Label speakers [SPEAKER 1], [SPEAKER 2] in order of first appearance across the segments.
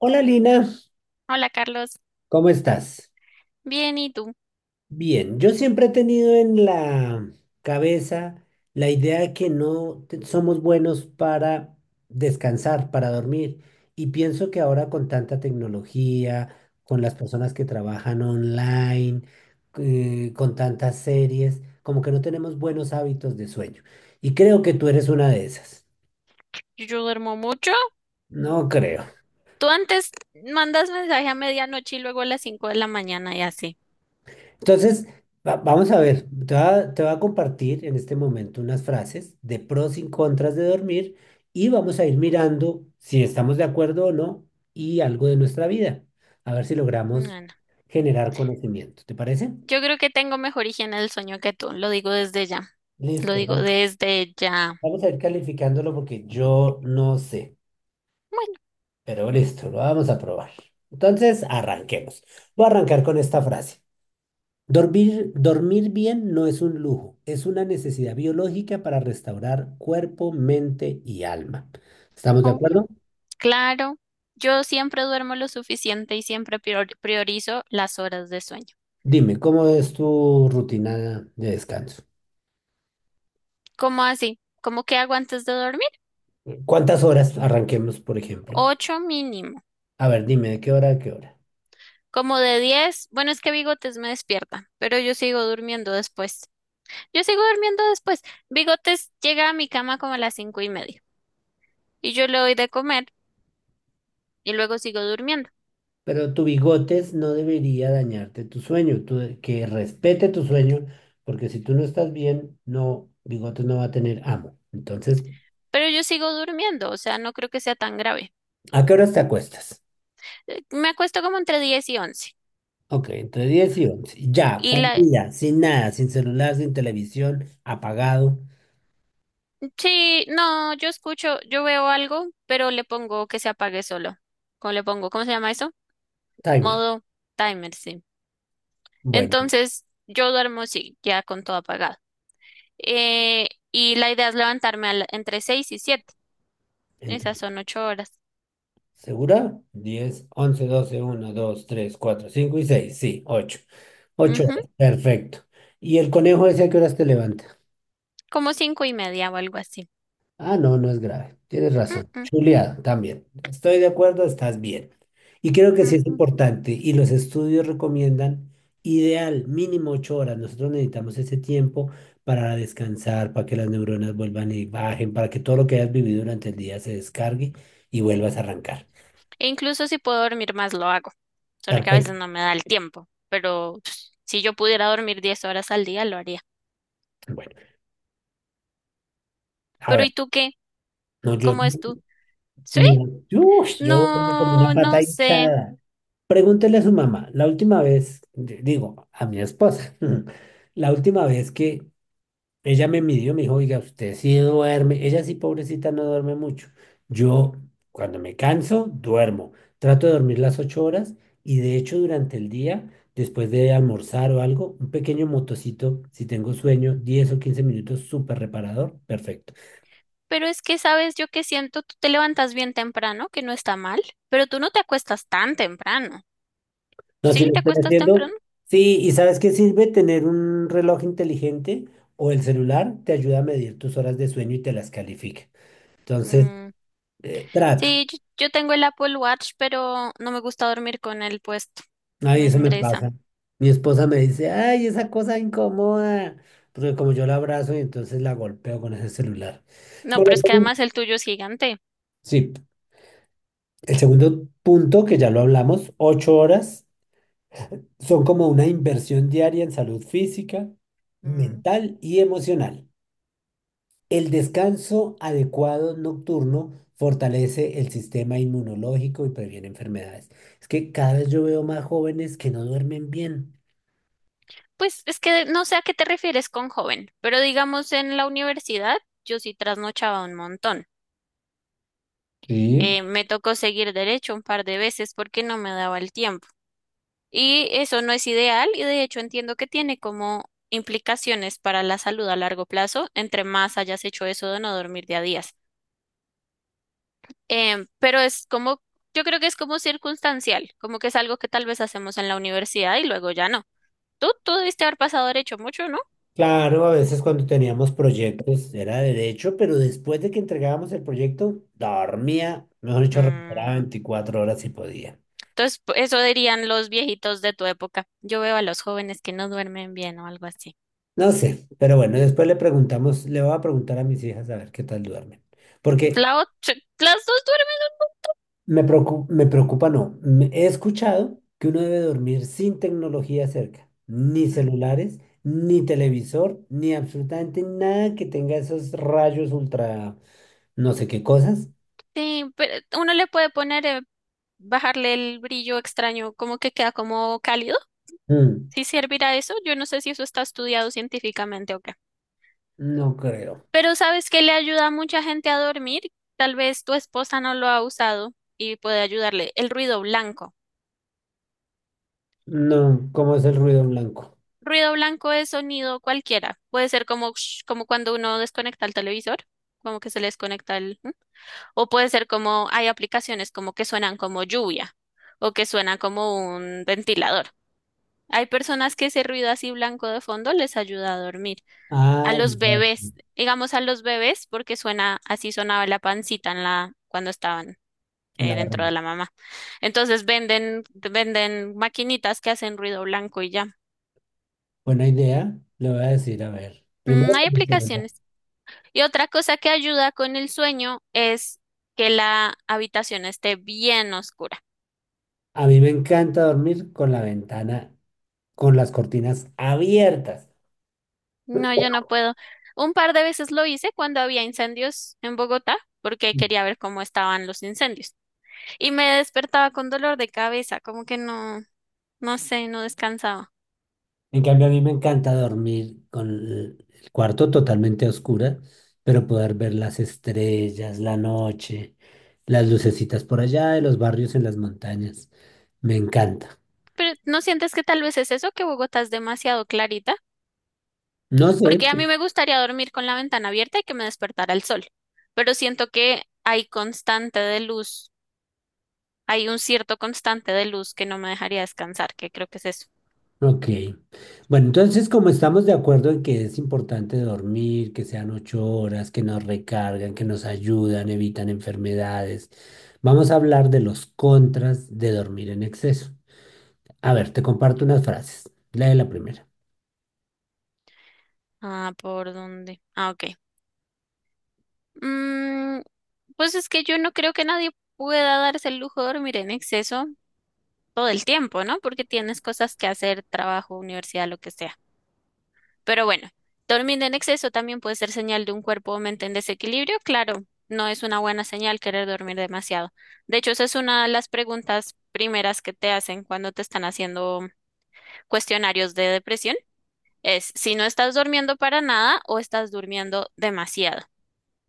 [SPEAKER 1] Hola Lina,
[SPEAKER 2] Hola Carlos,
[SPEAKER 1] ¿cómo estás?
[SPEAKER 2] bien, ¿y tú?
[SPEAKER 1] Bien, yo siempre he tenido en la cabeza la idea de que no te- somos buenos para descansar, para dormir. Y pienso que ahora con tanta tecnología, con las personas que trabajan online, con tantas series, como que no tenemos buenos hábitos de sueño. Y creo que tú eres una de esas.
[SPEAKER 2] Yo duermo mucho.
[SPEAKER 1] No creo.
[SPEAKER 2] Tú antes mandas mensaje a medianoche y luego a las 5 de la mañana y así.
[SPEAKER 1] Entonces, vamos a ver, te voy a compartir en este momento unas frases de pros y contras de dormir y vamos a ir mirando si estamos de acuerdo o no y algo de nuestra vida, a ver si
[SPEAKER 2] No,
[SPEAKER 1] logramos
[SPEAKER 2] no.
[SPEAKER 1] generar conocimiento. ¿Te parece?
[SPEAKER 2] Yo creo que tengo mejor higiene del sueño que tú, lo digo desde ya, lo
[SPEAKER 1] Listo,
[SPEAKER 2] digo
[SPEAKER 1] vamos,
[SPEAKER 2] desde ya.
[SPEAKER 1] vamos a ir calificándolo porque yo no sé,
[SPEAKER 2] Bueno,
[SPEAKER 1] pero listo, lo vamos a probar. Entonces, arranquemos. Voy a arrancar con esta frase. Dormir, dormir bien no es un lujo, es una necesidad biológica para restaurar cuerpo, mente y alma. ¿Estamos de
[SPEAKER 2] obvio,
[SPEAKER 1] acuerdo?
[SPEAKER 2] claro. Yo siempre duermo lo suficiente y siempre priorizo las horas de sueño.
[SPEAKER 1] Dime, ¿cómo es tu rutina de descanso?
[SPEAKER 2] ¿Cómo así? ¿Cómo que hago antes de dormir?
[SPEAKER 1] ¿Cuántas horas arranquemos, por ejemplo?
[SPEAKER 2] 8 mínimo.
[SPEAKER 1] A ver, dime, ¿de qué hora a qué hora?
[SPEAKER 2] ¿Como de 10? Bueno, es que Bigotes me despierta, pero yo sigo durmiendo después. Yo sigo durmiendo después. Bigotes llega a mi cama como a las 5:30 y yo le doy de comer y luego sigo durmiendo.
[SPEAKER 1] Pero tu bigotes no debería dañarte tu sueño, tú que respete tu sueño, porque si tú no estás bien, no, bigotes no va a tener amo. Entonces,
[SPEAKER 2] Pero yo sigo durmiendo, o sea, no creo que sea tan grave.
[SPEAKER 1] ¿a qué horas te acuestas?
[SPEAKER 2] Me acuesto como entre 10 y 11.
[SPEAKER 1] Ok, entre 10 y 11. Ya,
[SPEAKER 2] Y
[SPEAKER 1] fue un
[SPEAKER 2] la...
[SPEAKER 1] día, sin nada, sin celular, sin televisión, apagado.
[SPEAKER 2] Sí, no, yo escucho, yo veo algo, pero le pongo que se apague solo. ¿Cómo le pongo? ¿Cómo se llama eso?
[SPEAKER 1] Timer.
[SPEAKER 2] Modo timer, sí.
[SPEAKER 1] Bueno,
[SPEAKER 2] Entonces, yo duermo, sí, ya con todo apagado. Y la idea es levantarme entre 6 y 7.
[SPEAKER 1] ent-
[SPEAKER 2] Esas son 8 horas.
[SPEAKER 1] ¿segura? Diez, once, doce, uno, dos, tres, cuatro, cinco y 6. Sí, ocho
[SPEAKER 2] Ujú.
[SPEAKER 1] horas, perfecto. ¿Y el conejo ese a qué horas te levantas?
[SPEAKER 2] Como 5:30 o algo así.
[SPEAKER 1] Ah, no, no es grave. Tienes
[SPEAKER 2] Mm,
[SPEAKER 1] razón.
[SPEAKER 2] mm,
[SPEAKER 1] Chuleado, también. Estoy de acuerdo, estás bien. Y creo que sí es
[SPEAKER 2] ujú.
[SPEAKER 1] importante. Y los estudios recomiendan ideal, mínimo 8 horas. Nosotros necesitamos ese tiempo para descansar, para que las neuronas vuelvan y bajen, para que todo lo que hayas vivido durante el día se descargue y vuelvas a arrancar.
[SPEAKER 2] E incluso si puedo dormir más, lo hago. Solo que a veces
[SPEAKER 1] Perfecto.
[SPEAKER 2] no me da el tiempo. Pero pues, si yo pudiera dormir 10 horas al día, lo haría.
[SPEAKER 1] Bueno, a
[SPEAKER 2] Pero ¿y
[SPEAKER 1] ver.
[SPEAKER 2] tú qué?
[SPEAKER 1] No, yo,
[SPEAKER 2] ¿Cómo es tú? Sí,
[SPEAKER 1] no, yo duermo con una
[SPEAKER 2] no,
[SPEAKER 1] pata
[SPEAKER 2] no sé.
[SPEAKER 1] hinchada. Pregúntele a su mamá, la última vez, digo, a mi esposa, la última vez que ella me midió, me dijo, oiga, usted sí duerme, ella sí, pobrecita, no duerme mucho. Yo, cuando me canso, duermo. Trato de dormir las 8 horas y de hecho durante el día, después de almorzar o algo, un pequeño motocito, si tengo sueño, 10 o 15 minutos, súper reparador, perfecto.
[SPEAKER 2] Pero es que sabes yo que siento, tú te levantas bien temprano, que no está mal, pero tú no te acuestas tan temprano.
[SPEAKER 1] No, si
[SPEAKER 2] ¿Sí?
[SPEAKER 1] lo
[SPEAKER 2] ¿Te
[SPEAKER 1] estoy
[SPEAKER 2] acuestas
[SPEAKER 1] haciendo.
[SPEAKER 2] temprano?
[SPEAKER 1] Sí, ¿y sabes qué sirve tener un reloj inteligente o el celular? Te ayuda a medir tus horas de sueño y te las califica. Entonces,
[SPEAKER 2] Mm.
[SPEAKER 1] trato.
[SPEAKER 2] Sí, yo tengo el Apple Watch, pero no me gusta dormir con él puesto.
[SPEAKER 1] Ay,
[SPEAKER 2] Me
[SPEAKER 1] eso me pasa.
[SPEAKER 2] estresa.
[SPEAKER 1] Mi esposa me dice, ay, esa cosa incomoda. Porque como yo la abrazo y entonces la golpeo con ese celular.
[SPEAKER 2] No,
[SPEAKER 1] Bueno,
[SPEAKER 2] pero es que además el tuyo es gigante.
[SPEAKER 1] sí, el segundo punto, que ya lo hablamos, 8 horas, son como una inversión diaria en salud física, mental y emocional. El descanso adecuado nocturno fortalece el sistema inmunológico y previene enfermedades. Es que cada vez yo veo más jóvenes que no duermen bien.
[SPEAKER 2] Pues es que no sé a qué te refieres con joven, pero digamos en la universidad yo sí trasnochaba un montón.
[SPEAKER 1] Sí,
[SPEAKER 2] Me tocó seguir derecho un par de veces porque no me daba el tiempo. Y eso no es ideal y de hecho entiendo que tiene como implicaciones para la salud a largo plazo, entre más hayas hecho eso de no dormir de a días. Pero es como, yo creo que es como circunstancial, como que es algo que tal vez hacemos en la universidad y luego ya no. Tú debiste haber pasado derecho mucho, ¿no?
[SPEAKER 1] claro, a veces cuando teníamos proyectos era derecho, pero después de que entregábamos el proyecto, dormía, mejor dicho,
[SPEAKER 2] Mm.
[SPEAKER 1] recuperaba 24 horas si podía.
[SPEAKER 2] Entonces, eso dirían los viejitos de tu época. Yo veo a los jóvenes que no duermen bien o algo así.
[SPEAKER 1] No sé, pero bueno, después le preguntamos, le voy a preguntar a mis hijas a ver qué tal duermen. Porque
[SPEAKER 2] La otra, las dos duermen.
[SPEAKER 1] me preocupa, me preocupa, no. He escuchado que uno debe dormir sin tecnología cerca, ni
[SPEAKER 2] Mm.
[SPEAKER 1] celulares, ni televisor, ni absolutamente nada que tenga esos rayos ultra, no sé qué cosas.
[SPEAKER 2] Sí, pero uno le puede poner, bajarle el brillo extraño, como que queda como cálido.
[SPEAKER 1] Mm,
[SPEAKER 2] Si servirá eso, yo no sé si eso está estudiado científicamente o qué.
[SPEAKER 1] no creo.
[SPEAKER 2] Pero ¿sabes qué le ayuda a mucha gente a dormir? Tal vez tu esposa no lo ha usado y puede ayudarle. El ruido blanco.
[SPEAKER 1] No, ¿cómo es el ruido blanco?
[SPEAKER 2] Ruido blanco es sonido cualquiera. Puede ser como, como cuando uno desconecta el televisor, como que se le desconecta el, ¿m? O puede ser como hay aplicaciones como que suenan como lluvia o que suenan como un ventilador. Hay personas que ese ruido así blanco de fondo les ayuda a dormir. A
[SPEAKER 1] Ah,
[SPEAKER 2] los
[SPEAKER 1] el
[SPEAKER 2] bebés, digamos a los bebés, porque suena así sonaba la pancita en la, cuando estaban
[SPEAKER 1] en la
[SPEAKER 2] dentro de
[SPEAKER 1] barriga.
[SPEAKER 2] la mamá. Entonces venden maquinitas que hacen ruido blanco y ya.
[SPEAKER 1] Buena idea, le voy a decir, a ver.
[SPEAKER 2] Mm,
[SPEAKER 1] Primero
[SPEAKER 2] hay
[SPEAKER 1] con el celular.
[SPEAKER 2] aplicaciones. Y otra cosa que ayuda con el sueño es que la habitación esté bien oscura.
[SPEAKER 1] A mí me encanta dormir con la ventana, con las cortinas abiertas.
[SPEAKER 2] No, yo no puedo. Un par de veces lo hice cuando había incendios en Bogotá, porque quería ver cómo estaban los incendios. Y me despertaba con dolor de cabeza, como que no, no sé, no descansaba.
[SPEAKER 1] En cambio, a mí me encanta dormir con el cuarto totalmente a oscura, pero poder ver las estrellas, la noche, las lucecitas por allá de los barrios en las montañas. Me encanta.
[SPEAKER 2] Pero ¿no sientes que tal vez es eso, que Bogotá es demasiado clarita?
[SPEAKER 1] No sé,
[SPEAKER 2] Porque a mí me gustaría dormir con la ventana abierta y que me despertara el sol. Pero siento que hay constante de luz. Hay un cierto constante de luz que no me dejaría descansar, que creo que es eso.
[SPEAKER 1] ok. Bueno, entonces como estamos de acuerdo en que es importante dormir, que sean 8 horas, que nos recargan, que nos ayudan, evitan enfermedades, vamos a hablar de los contras de dormir en exceso. A ver, te comparto unas frases. Lee la primera.
[SPEAKER 2] Ah, ¿por dónde? Ah, ok. Mm, pues es que yo no creo que nadie pueda darse el lujo de dormir en exceso todo el tiempo, ¿no? Porque tienes cosas que hacer, trabajo, universidad, lo que sea. Pero bueno, dormir en exceso también puede ser señal de un cuerpo o mente en desequilibrio. Claro, no es una buena señal querer dormir demasiado. De hecho, esa es una de las preguntas primeras que te hacen cuando te están haciendo cuestionarios de depresión. Es si no estás durmiendo para nada o estás durmiendo demasiado.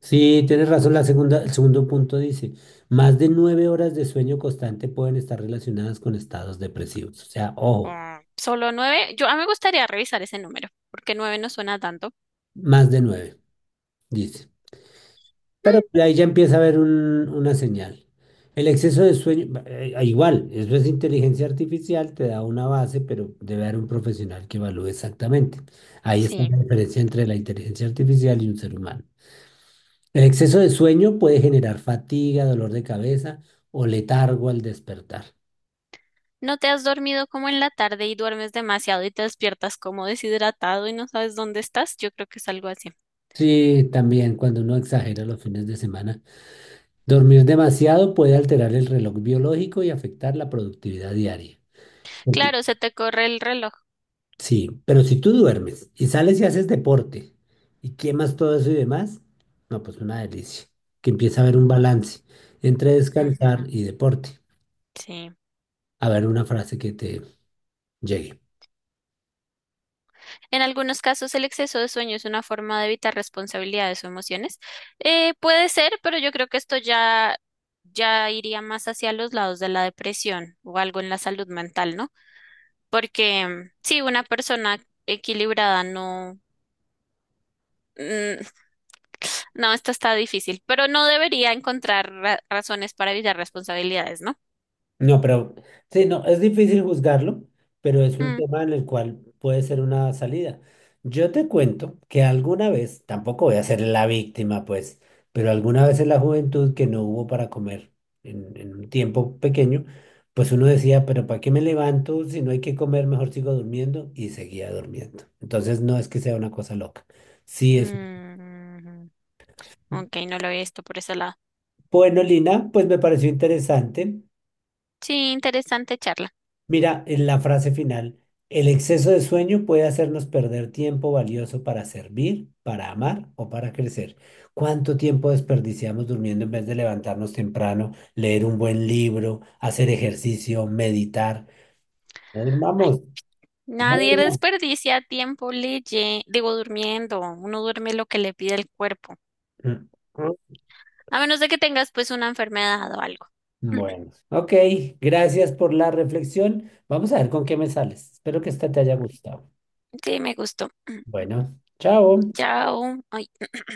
[SPEAKER 1] Sí, tienes razón. La segunda, el segundo punto dice, más de 9 horas de sueño constante pueden estar relacionadas con estados depresivos. O sea, ojo,
[SPEAKER 2] Mm, solo 9. Yo a mí me gustaría revisar ese número, porque 9 no suena tanto.
[SPEAKER 1] más de 9, dice. Pero
[SPEAKER 2] Mm,
[SPEAKER 1] ahí ya empieza a haber una señal. El exceso de sueño, igual, eso es inteligencia artificial, te da una base, pero debe haber un profesional que evalúe exactamente. Ahí está
[SPEAKER 2] sí.
[SPEAKER 1] la diferencia entre la inteligencia artificial y un ser humano. El exceso de sueño puede generar fatiga, dolor de cabeza o letargo al despertar.
[SPEAKER 2] No te has dormido como en la tarde y duermes demasiado y te despiertas como deshidratado y no sabes dónde estás. Yo creo que es algo así.
[SPEAKER 1] Sí, también cuando uno exagera los fines de semana. Dormir demasiado puede alterar el reloj biológico y afectar la productividad diaria. Ok.
[SPEAKER 2] Claro, se te corre el reloj.
[SPEAKER 1] Sí, pero si tú duermes y sales y haces deporte y quemas todo eso y demás, no, pues una delicia. Que empieza a haber un
[SPEAKER 2] Mm,
[SPEAKER 1] balance entre
[SPEAKER 2] ujú,
[SPEAKER 1] descansar y deporte.
[SPEAKER 2] sí.
[SPEAKER 1] A ver una frase que te llegue.
[SPEAKER 2] En algunos casos, el exceso de sueño es una forma de evitar responsabilidades o emociones. Puede ser, pero yo creo que esto ya iría más hacia los lados de la depresión o algo en la salud mental, ¿no? Porque sí, una persona equilibrada no, mm, no, esto está difícil, pero no debería encontrar razones para evitar responsabilidades, ¿no?
[SPEAKER 1] No, pero sí, no, es difícil juzgarlo, pero es un
[SPEAKER 2] Mm,
[SPEAKER 1] tema en el cual puede ser una salida. Yo te cuento que alguna vez, tampoco voy a ser la víctima, pues, pero alguna vez en la juventud que no hubo para comer en un tiempo pequeño, pues uno decía, pero ¿para qué me levanto si no hay que comer? Mejor sigo durmiendo y seguía durmiendo. Entonces no es que sea una cosa loca. Sí, es
[SPEAKER 2] mm, ok, no lo había visto por ese lado.
[SPEAKER 1] bueno, Lina, pues me pareció interesante.
[SPEAKER 2] Sí, interesante charla.
[SPEAKER 1] Mira, en la frase final, el exceso de sueño puede hacernos perder tiempo valioso para servir, para amar o para crecer. ¿Cuánto tiempo desperdiciamos durmiendo en vez de levantarnos temprano, leer un buen libro, hacer ejercicio, meditar? No durmamos, no
[SPEAKER 2] Nadie
[SPEAKER 1] durmamos.
[SPEAKER 2] desperdicia tiempo digo, durmiendo. Uno duerme lo que le pide el cuerpo.
[SPEAKER 1] Mm.
[SPEAKER 2] A menos de que tengas pues una enfermedad o algo.
[SPEAKER 1] Bueno, ok, gracias por la reflexión. Vamos a ver con qué me sales. Espero que esta te haya gustado.
[SPEAKER 2] Sí, me gustó.
[SPEAKER 1] Bueno, chao.
[SPEAKER 2] Chao. Ay.